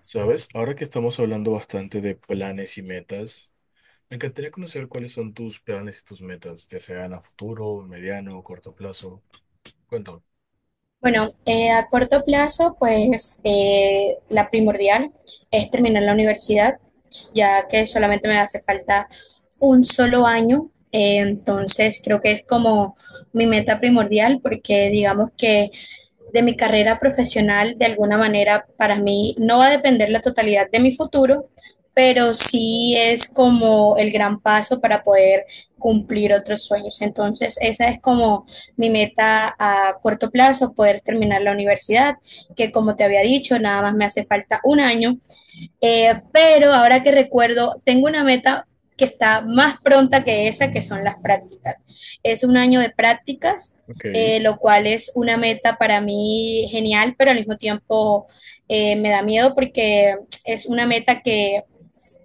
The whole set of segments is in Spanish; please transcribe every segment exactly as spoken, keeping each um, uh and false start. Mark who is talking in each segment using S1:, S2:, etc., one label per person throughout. S1: Sabes, ahora que estamos hablando bastante de planes y metas, me encantaría conocer cuáles son tus planes y tus metas, ya sean a futuro, mediano o corto plazo. Cuéntame.
S2: Bueno, eh, a corto plazo, pues eh, la primordial es terminar la universidad, ya que solamente me hace falta un solo año. Eh, entonces, creo que es como mi meta primordial, porque digamos que de mi carrera profesional, de alguna manera, para mí no va a depender la totalidad de mi futuro, pero sí es como el gran paso para poder cumplir otros sueños. Entonces, esa es como mi meta a corto plazo, poder terminar la universidad, que como te había dicho, nada más me hace falta un año, eh, pero ahora que recuerdo, tengo una meta que está más pronta que esa, que son las prácticas. Es un año de prácticas,
S1: Ok.
S2: eh, lo cual es una meta para mí genial, pero al mismo tiempo eh, me da miedo porque es una meta que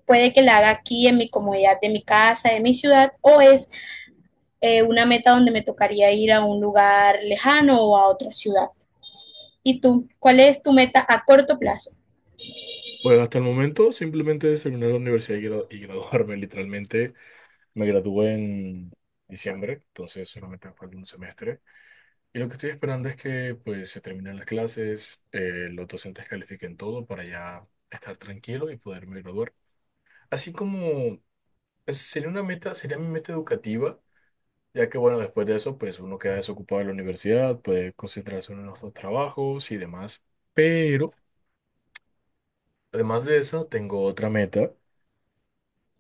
S2: puede que la haga aquí en mi comodidad de mi casa, de mi ciudad, o es eh, una meta donde me tocaría ir a un lugar lejano o a otra ciudad. ¿Y tú? ¿Cuál es tu meta a corto plazo?
S1: Bueno, hasta el momento simplemente es terminar la universidad y, gra- y graduarme, literalmente. Me gradué en diciembre, entonces solamente me falta un semestre. Y lo que estoy esperando es que pues se terminen las clases, eh, los docentes califiquen todo para ya estar tranquilo y poderme graduar. Así como... es- Sería una meta, sería mi meta educativa. Ya que bueno, después de eso, pues uno queda desocupado de la universidad, puede concentrarse en otros trabajos y demás. Pero, además de esa, tengo otra meta.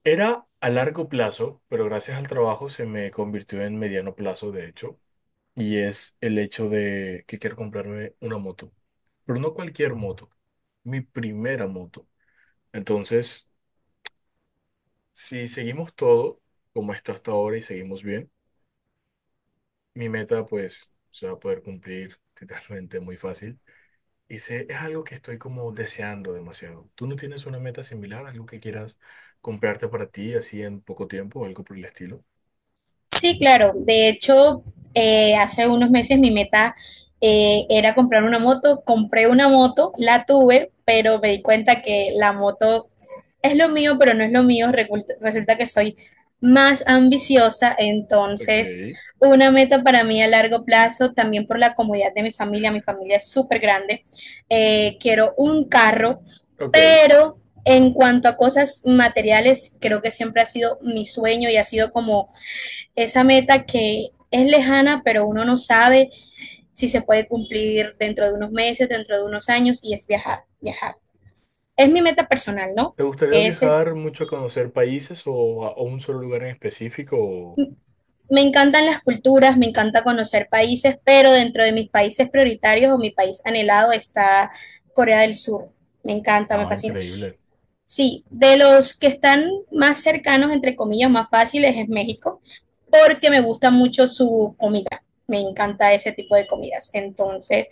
S1: Era a largo plazo, pero gracias al trabajo se me convirtió en mediano plazo, de hecho, y es el hecho de que quiero comprarme una moto. Pero no cualquier moto, mi primera moto. Entonces, si seguimos todo como está hasta ahora y seguimos bien, mi meta pues se va a poder cumplir literalmente muy fácil. Y sé, es algo que estoy como deseando demasiado. ¿Tú no tienes una meta similar, algo que quieras comprarte para ti así en poco tiempo o algo por el estilo?
S2: Sí, claro. De hecho, eh, hace unos meses mi meta eh, era comprar una moto. Compré una moto, la tuve, pero me di cuenta que la moto es lo mío, pero no es lo mío. Reculta- Resulta que soy más ambiciosa, entonces
S1: Ok.
S2: una meta para mí a largo plazo, también por la comodidad de mi familia, mi familia es súper grande, eh, quiero un carro,
S1: Ok.
S2: pero en cuanto a cosas materiales, creo que siempre ha sido mi sueño y ha sido como esa meta que es lejana, pero uno no sabe si se puede cumplir dentro de unos meses, dentro de unos años, y es viajar, viajar. Es mi meta personal, ¿no?
S1: ¿Te gustaría
S2: Ese es,
S1: viajar mucho a conocer países o a, o un solo lugar en específico? o-
S2: me encantan las culturas, me encanta conocer países, pero dentro de mis países prioritarios o mi país anhelado está Corea del Sur. Me encanta,
S1: No,
S2: me fascina.
S1: increíble.
S2: Sí, de los que están más cercanos, entre comillas, más fáciles es México, porque me gusta mucho su comida. Me encanta ese tipo de comidas. Entonces,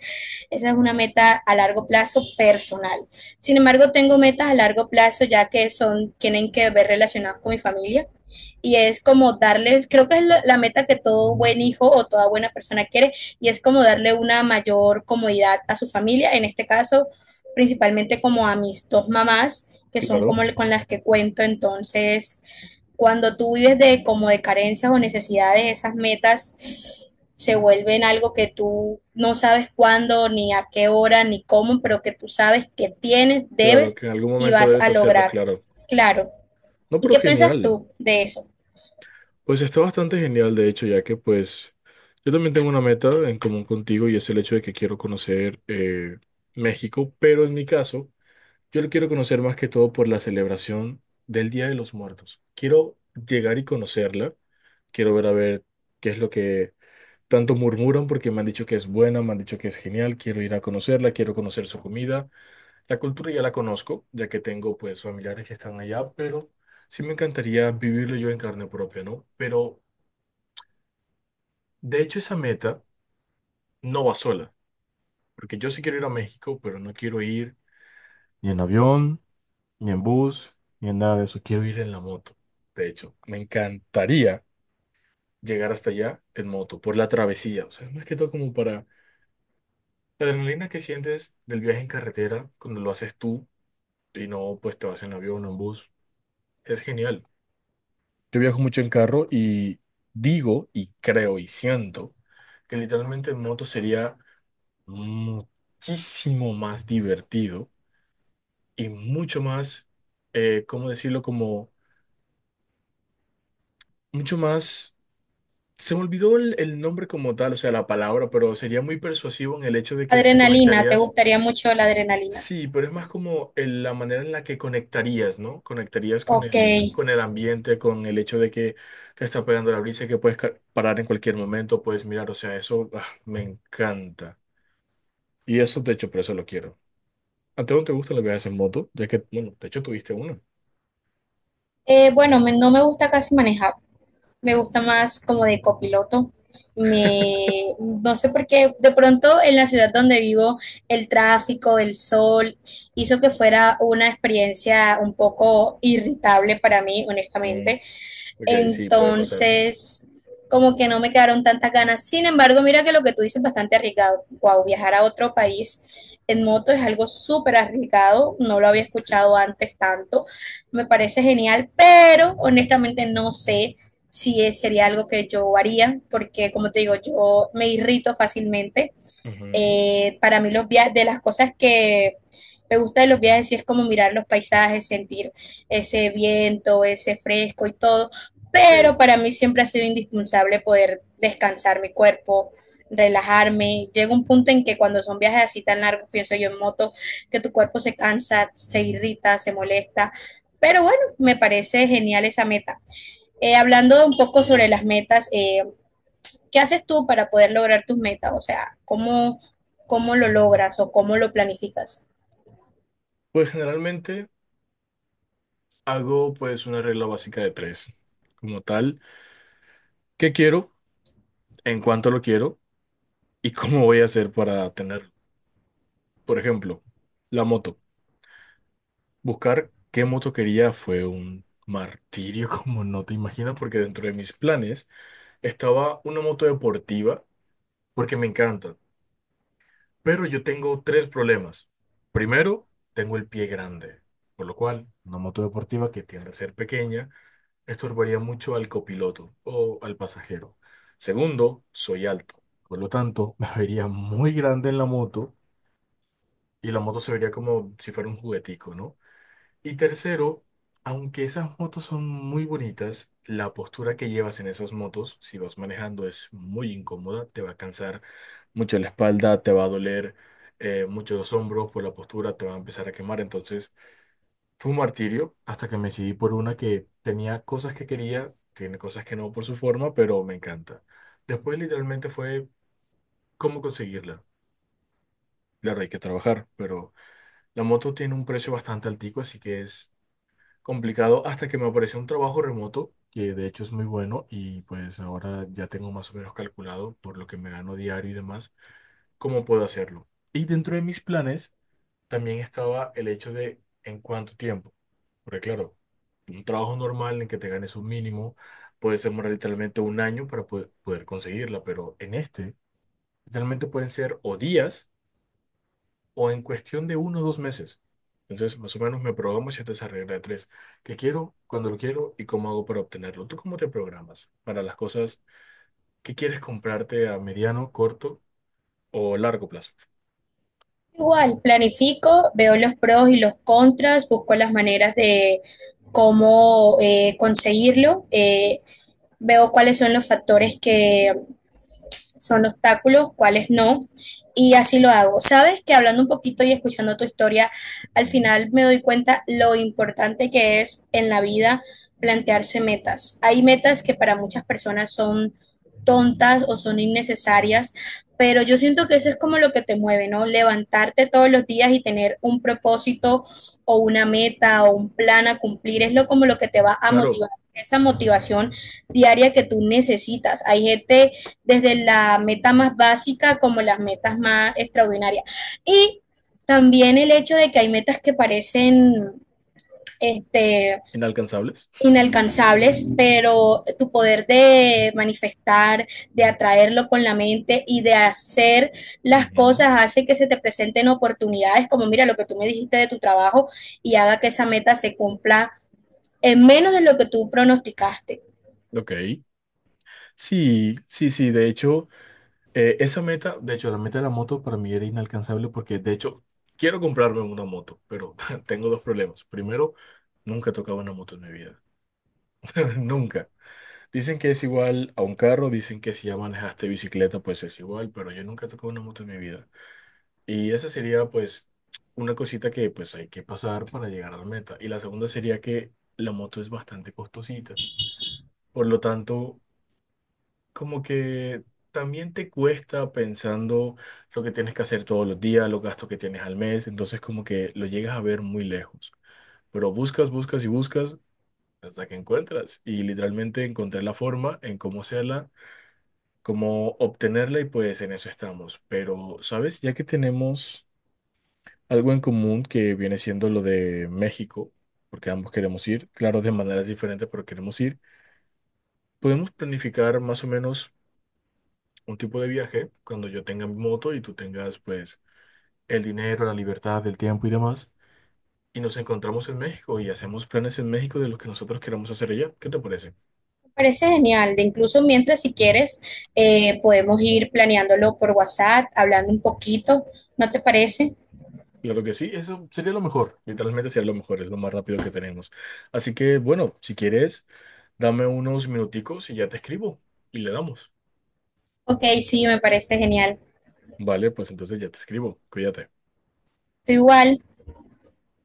S2: esa es una meta a largo plazo personal. Sin embargo, tengo metas a largo plazo ya que son, tienen que ver relacionadas con mi familia. Y es como darles, creo que es la meta que todo buen hijo o toda buena persona quiere, y es como darle una mayor comodidad a su familia, en este caso, principalmente como a mis dos mamás, que son
S1: Claro,
S2: como con las que cuento. Entonces, cuando tú vives de como de carencias o necesidades, esas metas se vuelven algo que tú no sabes cuándo, ni a qué hora, ni cómo, pero que tú sabes que tienes,
S1: claro,
S2: debes
S1: que en algún
S2: y
S1: momento
S2: vas
S1: debes
S2: a
S1: hacerlos,
S2: lograr.
S1: claro.
S2: Claro.
S1: No,
S2: ¿Y
S1: pero
S2: qué piensas
S1: genial.
S2: tú de eso?
S1: Pues está bastante genial, de hecho, ya que pues yo también tengo una meta en común contigo y es el hecho de que quiero conocer eh, México, pero en mi caso... Yo lo quiero conocer más que todo por la celebración del Día de los Muertos. Quiero llegar y conocerla. Quiero ver a ver qué es lo que tanto murmuran porque me han dicho que es buena, me han dicho que es genial. Quiero ir a conocerla, quiero conocer su comida. La cultura ya la conozco, ya que tengo pues familiares que están allá, pero sí me encantaría vivirlo yo en carne propia, ¿no? Pero de hecho esa meta no va sola, porque yo sí quiero ir a México, pero no quiero ir ni en avión, ni en bus, ni en nada de eso. Quiero ir en la moto. De hecho, me encantaría llegar hasta allá en moto, por la travesía. O sea, más que todo como para la adrenalina que sientes del viaje en carretera cuando lo haces tú y no pues te vas en avión o en bus. Es genial. Yo viajo mucho en carro y digo y creo y siento que literalmente en moto sería muchísimo más divertido y mucho más, eh, ¿cómo decirlo? Como mucho más. Se me olvidó el, el nombre como tal, o sea, la palabra, pero sería muy persuasivo en el hecho de que te
S2: Adrenalina, ¿te
S1: conectarías.
S2: gustaría mucho la adrenalina?
S1: Sí, pero es más como el- la manera en la que conectarías, ¿no? Conectarías con
S2: Ok.
S1: el, con el ambiente, con el hecho de que te está pegando la brisa y que puedes ca- parar en cualquier momento, puedes mirar, o sea, eso ah, me encanta. Y eso, de hecho, por eso lo quiero. ¿A ti no te gustan los viajes en moto? Ya que, bueno, de hecho tuviste uno.
S2: Eh, bueno, me, no me gusta casi manejar. Me gusta más como de copiloto. Me, no sé por qué, de pronto en la ciudad donde vivo, el tráfico, el sol, hizo que fuera una experiencia un poco irritable para mí,
S1: Mm,
S2: honestamente,
S1: ok, sí, puede pasar.
S2: entonces, como que no me quedaron tantas ganas. Sin embargo, mira que lo que tú dices es bastante arriesgado. Wow, viajar a otro país en moto es algo súper arriesgado. No lo había
S1: Mm, Sí.
S2: escuchado antes tanto. Me parece genial, pero honestamente no sé si es- sería algo que yo haría, porque como te digo, yo me irrito fácilmente.
S1: Ujú,
S2: Eh, para mí los viajes, de las cosas que me gusta de los viajes, sí es como mirar los paisajes, sentir ese viento, ese fresco y todo,
S1: ok.
S2: pero para mí siempre ha sido indispensable poder descansar mi cuerpo, relajarme. Llega un punto en que cuando son viajes así tan largos, pienso yo en moto, que tu cuerpo se cansa, se irrita, se molesta. Pero bueno, me parece genial esa meta. Eh, hablando un poco sobre las metas, eh, ¿qué haces tú para poder lograr tus metas? O sea, ¿cómo, ¿cómo lo logras o cómo lo planificas?
S1: Pues generalmente. Hago pues una regla básica de tres, como tal, qué quiero, en cuánto lo quiero y cómo voy a hacer para tenerlo. Por ejemplo, la moto. Buscar qué moto quería fue un martirio como no te imaginas, porque dentro de mis planes estaba una moto deportiva, porque me encanta. Pero yo tengo tres problemas. Primero, tengo el pie grande, por lo cual una moto deportiva que tiende a ser pequeña estorbaría mucho al copiloto o al pasajero. Segundo, soy alto. Por lo tanto, me vería muy grande en la moto y la moto se vería como si fuera un juguetico, ¿no? Y tercero, aunque esas motos son muy bonitas, la postura que llevas en esas motos, si vas manejando, es muy incómoda, te va a cansar mucho la espalda, te va a doler eh, mucho los hombros por la postura, te va a empezar a quemar. Entonces, fue un martirio hasta que me decidí por una que tenía cosas que quería, tiene cosas que no por su forma, pero me encanta. Después literalmente fue cómo conseguirla. Claro, hay que trabajar, pero la moto tiene un precio bastante altico, así que es complicado hasta que me apareció un trabajo remoto, que de hecho es muy bueno y pues ahora ya tengo más o menos calculado por lo que me gano diario y demás, cómo puedo hacerlo. Y dentro de mis planes... también estaba el hecho de en cuánto tiempo. Porque claro, un trabajo normal en que te ganes un mínimo puede ser más literalmente un año para po- poder conseguirla, pero en este literalmente pueden ser o días o en cuestión de uno o dos meses. Entonces, más o menos me programo siempre esa regla de tres. ¿Qué quiero? ¿Cuando lo quiero? ¿Y cómo hago para obtenerlo? ¿Tú cómo te programas para las cosas que quieres comprarte a mediano, corto o largo plazo?
S2: Igual, planifico, veo los pros y los contras, busco las maneras de cómo eh, conseguirlo, eh, veo cuáles son los factores que son obstáculos, cuáles no, y así lo hago. Sabes que hablando un poquito y escuchando tu historia, al
S1: Ujú.
S2: final me doy cuenta lo importante que es en la vida plantearse metas. Hay metas que para muchas personas son tontas o son innecesarias, pero yo siento que eso es como lo que te mueve, ¿no? Levantarte todos los días y tener un propósito o una meta o un plan a cumplir es lo como lo que te va a
S1: Claro.
S2: motivar, esa motivación diaria que tú necesitas. Hay gente desde la meta más básica como las metas más extraordinarias. Y también el hecho de que hay metas que parecen este,
S1: Inalcanzables.
S2: inalcanzables, pero tu poder de manifestar, de atraerlo con la mente y de hacer las
S1: Ujú.
S2: cosas hace que se te presenten oportunidades, como mira lo que tú me dijiste de tu trabajo y haga que esa meta se cumpla en menos de lo que tú pronosticaste.
S1: Ok. Sí, sí, sí, de hecho, eh, esa meta, de hecho, la meta de la moto para mí era inalcanzable porque, de hecho, quiero comprarme una moto, pero tengo dos problemas. Primero, nunca he tocado una moto en mi vida, nunca. Dicen que es igual a un carro, dicen que si ya manejaste bicicleta, pues es igual, pero yo nunca he tocado una moto en mi vida. Y esa sería, pues, una cosita que, pues, hay que pasar para llegar a la meta. Y la segunda sería que la moto es bastante costosita. Por lo tanto, como que también te cuesta pensando lo que tienes que hacer todos los días, los gastos que tienes al mes, entonces como que lo llegas a ver muy lejos, pero buscas, buscas y buscas hasta que encuentras y literalmente encontré la forma en cómo hacerla, cómo obtenerla y pues en eso estamos. Pero, ¿sabes? Ya que tenemos algo en común que viene siendo lo de México, porque ambos queremos ir, claro, de maneras diferentes, pero queremos ir. Podemos planificar más o menos un tipo de viaje cuando yo tenga mi moto y tú tengas pues el dinero, la libertad, el tiempo y demás. Y nos encontramos en México y hacemos planes en México de lo que nosotros queramos hacer allá. ¿Qué te parece?
S2: Parece genial, de incluso mientras si quieres eh, podemos ir planeándolo por WhatsApp, hablando un poquito, ¿no te parece?
S1: Claro que sí, eso sería lo mejor. Literalmente sería lo mejor, es lo más rápido que tenemos. Así que bueno, si quieres, dame unos minuticos y ya te escribo y le damos.
S2: Ok, sí, me parece genial.
S1: Vale, pues entonces ya te escribo. Cuídate.
S2: Tú igual.